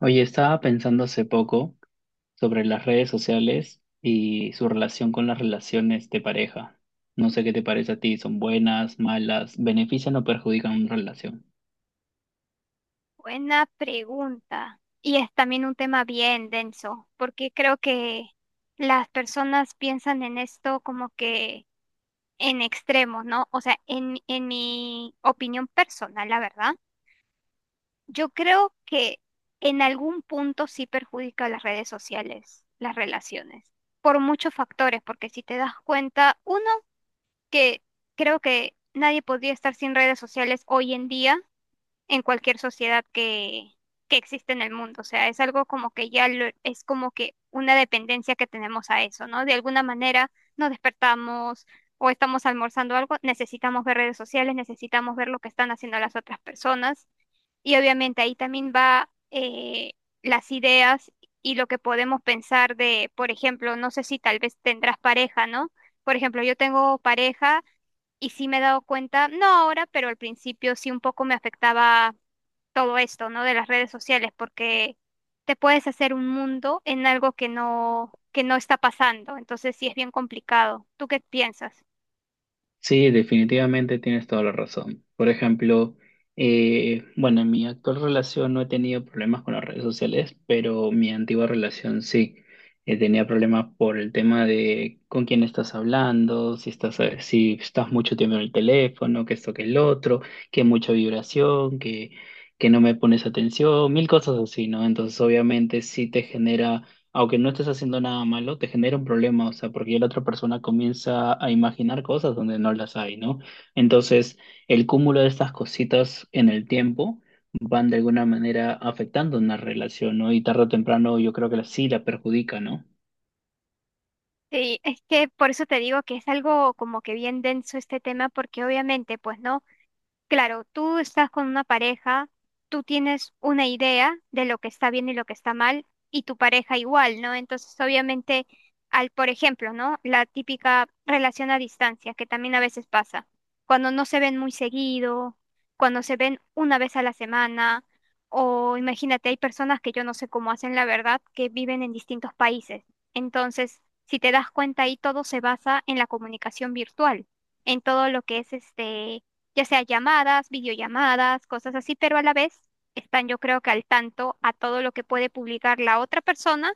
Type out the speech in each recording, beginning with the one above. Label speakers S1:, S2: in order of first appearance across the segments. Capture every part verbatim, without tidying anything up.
S1: Oye, estaba pensando hace poco sobre las redes sociales y su relación con las relaciones de pareja. No sé qué te parece a ti, ¿son buenas, malas, benefician o perjudican una relación?
S2: Buena pregunta. Y es también un tema bien denso, porque creo que las personas piensan en esto como que en extremos, ¿no? O sea, en, en mi opinión personal, la verdad, yo creo que en algún punto sí perjudica a las redes sociales, las relaciones, por muchos factores, porque si te das cuenta, uno, que creo que nadie podría estar sin redes sociales hoy en día en cualquier sociedad que, que existe en el mundo. O sea, es algo como que ya lo- es como que una dependencia que tenemos a eso, ¿no? De alguna manera nos despertamos o estamos almorzando algo, necesitamos ver redes sociales, necesitamos ver lo que están haciendo las otras personas. Y obviamente ahí también va eh, las ideas y lo que podemos pensar de, por ejemplo, no sé si tal vez tendrás pareja, ¿no? Por ejemplo, yo tengo pareja y sí me he dado cuenta, no ahora, pero al principio sí un poco me afectaba todo esto, ¿no? De las redes sociales, porque te puedes hacer un mundo en algo que no, que no está pasando. Entonces sí es bien complicado. ¿Tú qué piensas?
S1: Sí, definitivamente tienes toda la razón. Por ejemplo, eh, bueno, en mi actual relación no he tenido problemas con las redes sociales, pero mi antigua relación sí. Eh, tenía problemas por el tema de con quién estás hablando, si estás, eh, si estás mucho tiempo en el teléfono, que esto, que el otro, que mucha vibración, que, que no me pones atención, mil cosas así, ¿no? Entonces, obviamente, sí te genera, aunque no estés haciendo nada malo, te genera un problema, o sea, porque ya la otra persona comienza a imaginar cosas donde no las hay, ¿no? Entonces, el cúmulo de estas cositas en el tiempo van de alguna manera afectando una relación, ¿no? Y tarde o temprano yo creo que la- sí la perjudica, ¿no?
S2: Sí, es que por eso te digo que es algo como que bien denso este tema, porque obviamente, pues, ¿no? Claro, tú estás con una pareja, tú tienes una idea de lo que está bien y lo que está mal, y tu pareja igual, ¿no? Entonces, obviamente, al, por ejemplo, ¿no? La típica relación a distancia, que también a veces pasa, cuando no se ven muy seguido, cuando se ven una vez a la semana, o imagínate, hay personas que yo no sé cómo hacen la verdad, que viven en distintos países. Entonces, si te das cuenta ahí, todo se basa en la comunicación virtual, en todo lo que es este, ya sea llamadas, videollamadas, cosas así, pero a la vez están yo creo que al tanto a todo lo que puede publicar la otra persona,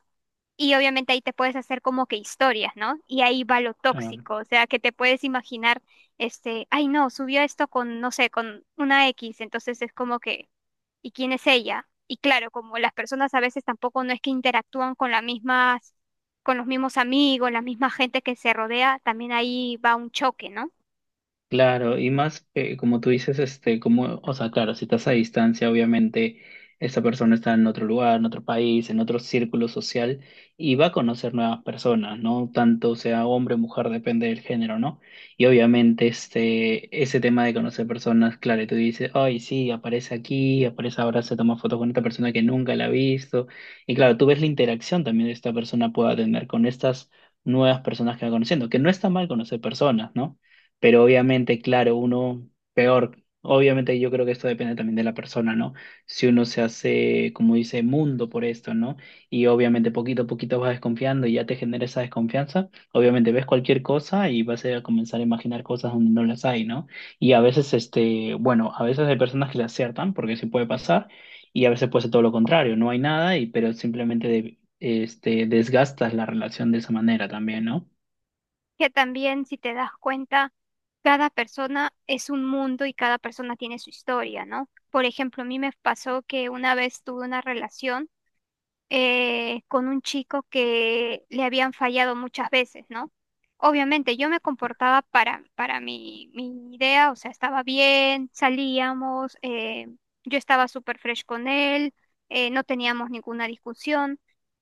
S2: y obviamente ahí te puedes hacer como que historias, ¿no? Y ahí va lo
S1: Ah,
S2: tóxico, o sea, que te puedes imaginar, este, ay no, subió esto con, no sé, con una X, entonces es como que, ¿y quién es ella? Y claro, como las personas a veces tampoco no es que interactúan con las mismas, con los mismos amigos, la misma gente que se rodea, también ahí va un choque, ¿no?
S1: claro, y más eh, como tú dices, este, como, o sea, claro, si estás a distancia, obviamente esa persona está en otro lugar, en otro país, en otro círculo social y va a conocer nuevas personas, ¿no? Tanto sea hombre o mujer, depende del género, ¿no? Y obviamente este, ese tema de conocer personas, claro, y tú dices, ay, sí, aparece aquí, aparece ahora, se toma fotos con esta persona que nunca la ha visto. Y claro, tú ves la interacción también que esta persona pueda tener con estas nuevas personas que va conociendo, que no está mal conocer personas, ¿no? Pero obviamente, claro, uno peor. Obviamente yo creo que esto depende también de la persona, ¿no? Si uno se hace, como dice, mundo por esto, ¿no? Y obviamente poquito a poquito vas desconfiando y ya te genera esa desconfianza. Obviamente ves cualquier cosa y vas a comenzar a imaginar cosas donde no las hay, ¿no? Y a veces, este, bueno, a veces hay personas que le aciertan, porque sí puede pasar, y a veces puede ser todo lo contrario, no hay nada, y pero simplemente de- este, desgastas la relación de esa manera también, ¿no?
S2: Que también si te das cuenta, cada persona es un mundo y cada persona tiene su historia, ¿no? Por ejemplo, a mí me pasó que una vez tuve una relación eh, con un chico que le habían fallado muchas veces, ¿no? Obviamente yo me comportaba para, para mi, mi idea, o sea, estaba bien, salíamos, eh, yo estaba súper fresh con él, eh, no teníamos ninguna discusión.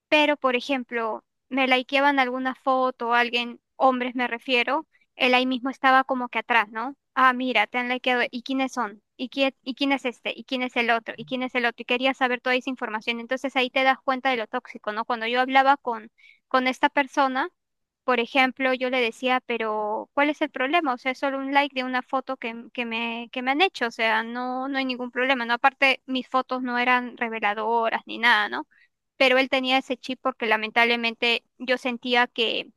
S2: Pero, por ejemplo, me likeaban alguna foto alguien, hombres me refiero, él ahí mismo estaba como que atrás, ¿no? Ah, mira, te han likeado, ¿y quiénes son? ¿Y quién, ¿y quién es este? ¿Y quién es el otro? ¿Y quién es el otro? Y quería saber toda esa información. Entonces ahí te das cuenta de lo tóxico, ¿no? Cuando yo hablaba con, con esta persona, por ejemplo, yo le decía, pero ¿cuál es el problema? O sea, es solo un like de una foto que, que me, que me han hecho, o sea, no, no hay ningún problema, ¿no? Aparte, mis fotos no eran reveladoras ni nada, ¿no? Pero él tenía ese chip porque lamentablemente yo sentía que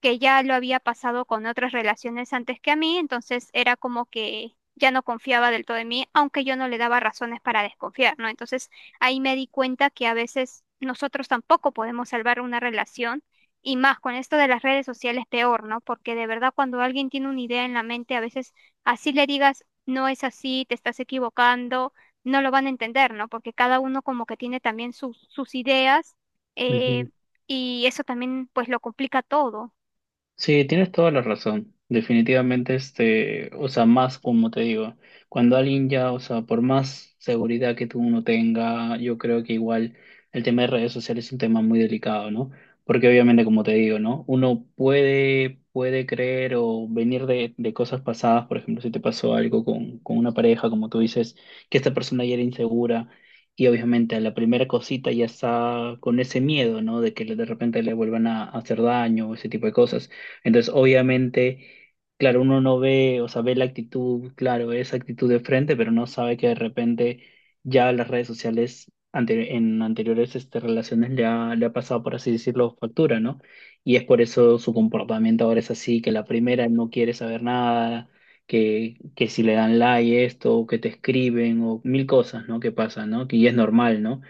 S2: que ya lo había pasado con otras relaciones antes que a mí, entonces era como que ya no confiaba del todo en mí, aunque yo no le daba razones para desconfiar, ¿no? Entonces ahí me di cuenta que a veces nosotros tampoco podemos salvar una relación, y más con esto de las redes sociales peor, ¿no? Porque de verdad cuando alguien tiene una idea en la mente, a veces así le digas, no es así, te estás equivocando, no lo van a entender, ¿no? Porque cada uno como que tiene también sus sus ideas, eh,
S1: Ujú.
S2: y eso también pues lo complica todo.
S1: Sí, tienes toda la razón. Definitivamente, este, o sea, más como te digo, cuando alguien ya, o sea, por más seguridad que tú uno tenga, yo creo que igual el tema de redes sociales es un tema muy delicado, ¿no? Porque obviamente, como te digo, ¿no? Uno puede, puede creer o venir de, de cosas pasadas, por ejemplo, si te pasó algo con, con una pareja, como tú dices, que esta persona ya era insegura. Y obviamente a la primera cosita ya está con ese miedo, ¿no? De que de repente le vuelvan a hacer daño o ese tipo de cosas. Entonces, obviamente, claro, uno no ve, o sea, ve la actitud, claro, esa actitud de frente, pero no sabe que de repente ya las redes sociales ante- en anteriores este, relaciones le ha, le ha pasado, por así decirlo, factura, ¿no? Y es por eso su comportamiento ahora es así, que la primera no quiere saber nada, que, que si le dan like esto, o que te escriben, o mil cosas, ¿no? Que pasan, ¿no? Que y es normal, ¿no?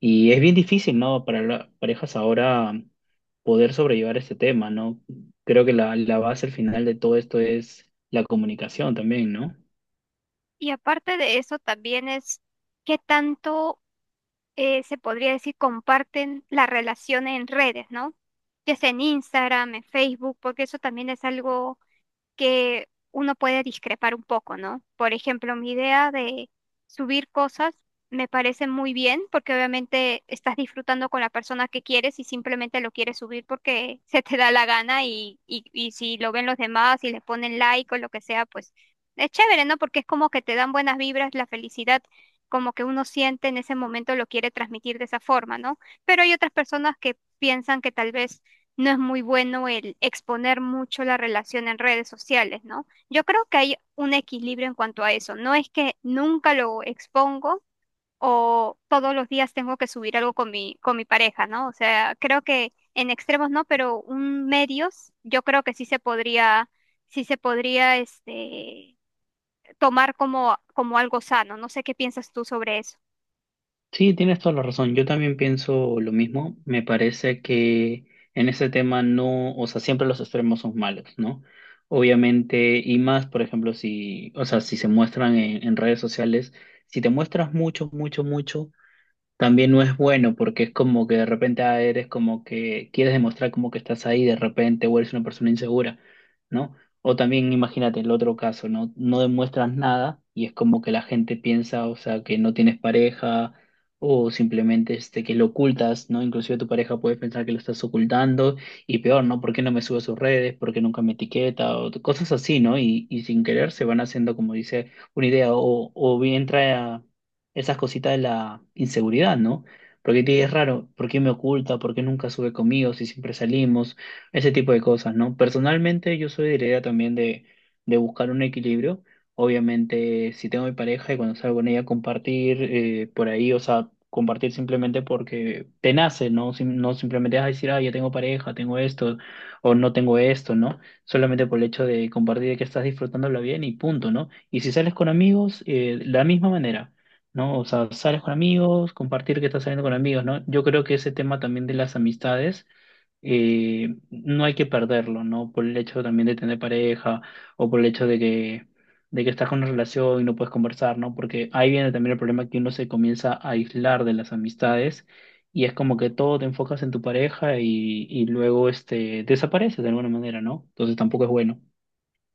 S1: Y es bien difícil, ¿no? Para las parejas ahora poder sobrellevar este tema, ¿no? Creo que la, la base al final de todo esto es la comunicación también, ¿no?
S2: Y aparte de eso, también es qué tanto eh, se podría decir comparten la relación en redes, ¿no? Ya sea en Instagram, en Facebook, porque eso también es algo que uno puede discrepar un poco, ¿no? Por ejemplo, mi idea de subir cosas me parece muy bien porque obviamente estás disfrutando con la persona que quieres y simplemente lo quieres subir porque se te da la gana y, y, y si lo ven los demás y le ponen like o lo que sea, pues es chévere, ¿no? Porque es como que te dan buenas vibras, la felicidad. Como que uno siente en ese momento lo quiere transmitir de esa forma, ¿no? Pero hay otras personas que piensan que tal vez no es muy bueno el exponer mucho la relación en redes sociales, ¿no? Yo creo que hay un equilibrio en cuanto a eso. No es que nunca lo expongo o todos los días tengo que subir algo con mi, con mi pareja, ¿no? O sea, creo que en extremos no, pero un medios yo creo que sí se podría, sí se podría este, tomar como, como algo sano. No sé qué piensas tú sobre eso.
S1: Sí, tienes toda la razón. Yo también pienso lo mismo. Me parece que en ese tema no, o sea, siempre los extremos son malos, ¿no? Obviamente, y más, por ejemplo, si, o sea, si se muestran en, en redes sociales, si te muestras mucho, mucho, mucho. También no es bueno porque es como que de repente ah, eres como que quieres demostrar como que estás ahí de repente o eres una persona insegura, ¿no? O también imagínate el otro caso, ¿no? No demuestras nada y es como que la gente piensa, o sea, que no tienes pareja o simplemente este, que lo ocultas, ¿no? Inclusive tu pareja puede pensar que lo estás ocultando y peor, ¿no? ¿Por qué no me sube a sus redes? ¿Por qué nunca me etiqueta? O t- cosas así, ¿no? Y, y sin querer se van haciendo, como dice, una idea o, o bien trae a esas cositas de la inseguridad, ¿no? Porque te es raro, ¿por qué me oculta? ¿Por qué nunca sube conmigo si siempre salimos? Ese tipo de cosas, ¿no? Personalmente yo soy de la idea también de, de buscar un equilibrio. Obviamente, si tengo mi pareja y cuando salgo con ella, compartir eh, por ahí, o sea, compartir simplemente porque te nace, ¿no? Sim- no simplemente vas a decir, ah, ya tengo pareja, tengo esto, o no tengo esto, ¿no? Solamente por el hecho de compartir que estás disfrutándola bien y punto, ¿no? Y si sales con amigos, eh, la misma manera. ¿No? O sea, sales con amigos, compartir que estás saliendo con amigos, ¿no? Yo creo que ese tema también de las amistades eh, no hay que perderlo, ¿no? Por el hecho también de tener pareja o por el hecho de que, de que estás con una relación y no puedes conversar, ¿no? Porque ahí viene también el problema que uno se comienza a aislar de las amistades y es como que todo te enfocas en tu pareja y, y luego este, desapareces de alguna manera, ¿no? Entonces tampoco es bueno.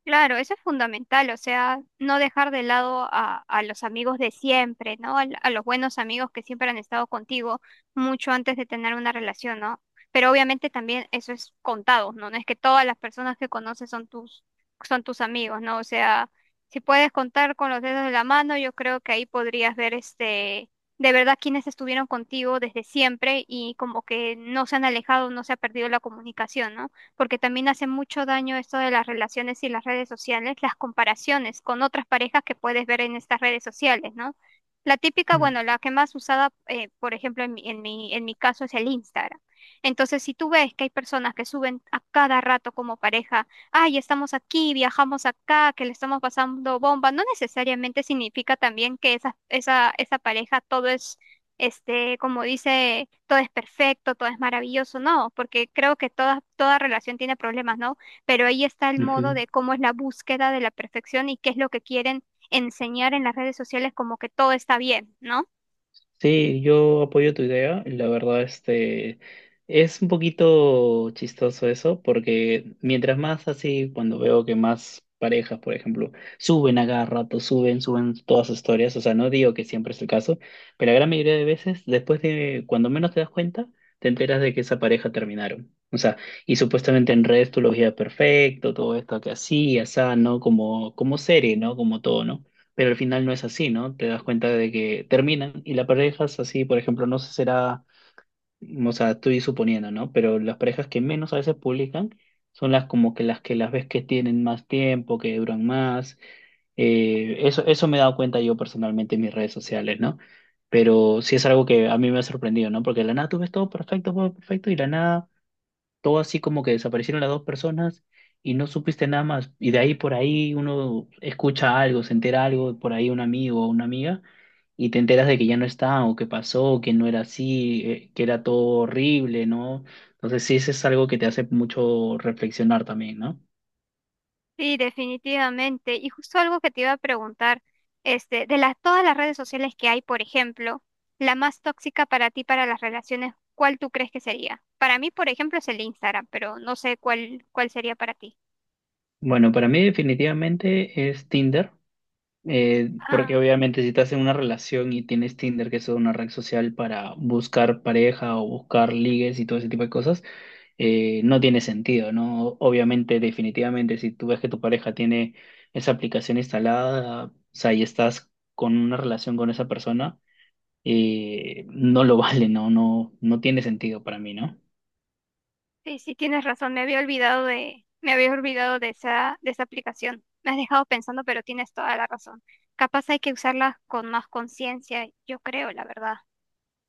S2: Claro, eso es fundamental, o sea, no dejar de lado a, a los amigos de siempre, ¿no? Al- A, los buenos amigos que siempre han estado contigo mucho antes de tener una relación, ¿no? Pero obviamente también eso es contado, ¿no? No es que todas las personas que conoces son tus, son tus amigos, ¿no? O sea, si puedes contar con los dedos de la mano, yo creo que ahí podrías ver este, de verdad quienes estuvieron contigo desde siempre y como que no se han alejado, no se ha perdido la comunicación, ¿no? Porque también hace mucho daño esto de las relaciones y las redes sociales, las comparaciones con otras parejas que puedes ver en estas redes sociales, ¿no? La típica,
S1: Mm,
S2: bueno, la que más usada, eh, por ejemplo, en mi, en mi, en mi caso es el Instagram. Entonces, si tú ves que hay personas que suben a cada rato como pareja, ay, estamos aquí, viajamos acá, que le estamos pasando bomba, no necesariamente significa también que esa, esa, esa pareja todo es este, como dice, todo es perfecto, todo es maravilloso, no, porque creo que toda, toda relación tiene problemas, ¿no? Pero ahí está el modo
S1: ujú.
S2: de cómo es la búsqueda de la perfección y qué es lo que quieren enseñar en las redes sociales como que todo está bien, ¿no?
S1: Sí, yo apoyo tu idea. La verdad, este, es un poquito chistoso eso, porque mientras más así, cuando veo que más parejas, por ejemplo, suben a cada rato, suben, suben todas sus historias, o sea, no digo que siempre es el caso, pero la gran mayoría de veces, después de, cuando menos te das cuenta, te enteras de que esa pareja terminaron. O sea, y supuestamente en redes tú lo veías perfecto, todo esto que así, asá, ¿no? Como, como serie, ¿no? Como todo, ¿no? Pero al final no es así, ¿no? Te das cuenta de que terminan y las parejas así, por ejemplo, no sé será, o sea, estoy suponiendo, ¿no? Pero las parejas que menos a veces publican son las como que las que las ves que tienen más tiempo, que duran más. Eh, eso, eso me he dado cuenta yo personalmente en mis redes sociales, ¿no? Pero sí es algo que a mí me ha sorprendido, ¿no? Porque de la nada tú ves todo perfecto, todo perfecto, y de la nada todo así como que desaparecieron las dos personas y no supiste nada más. Y de ahí por ahí uno escucha algo, se entera algo, por ahí un amigo o una amiga, y te enteras de que ya no está, o que pasó, que no era así, eh, que era todo horrible, ¿no? Entonces sí, eso es algo que te hace mucho reflexionar también, ¿no?
S2: Sí, definitivamente. Y justo algo que te iba a preguntar, este, de las todas las redes sociales que hay, por ejemplo, la más tóxica para ti para las relaciones, ¿cuál tú crees que sería? Para mí, por ejemplo, es el Instagram, pero no sé cuál, cuál sería para ti.
S1: Bueno, para mí definitivamente es Tinder, eh, porque
S2: Ah.
S1: obviamente si estás en una relación y tienes Tinder, que es una red social para buscar pareja o buscar ligues y todo ese tipo de cosas, eh, no tiene sentido, ¿no? Obviamente, definitivamente, si tú ves que tu pareja tiene esa aplicación instalada, o sea, y estás con una relación con esa persona, eh, no lo vale, ¿no? No, no tiene sentido para mí, ¿no?
S2: Sí, sí, tienes razón, me había olvidado de, me había olvidado de esa, de esa aplicación. Me has dejado pensando, pero tienes toda la razón. Capaz hay que usarla con más conciencia, yo creo, la verdad.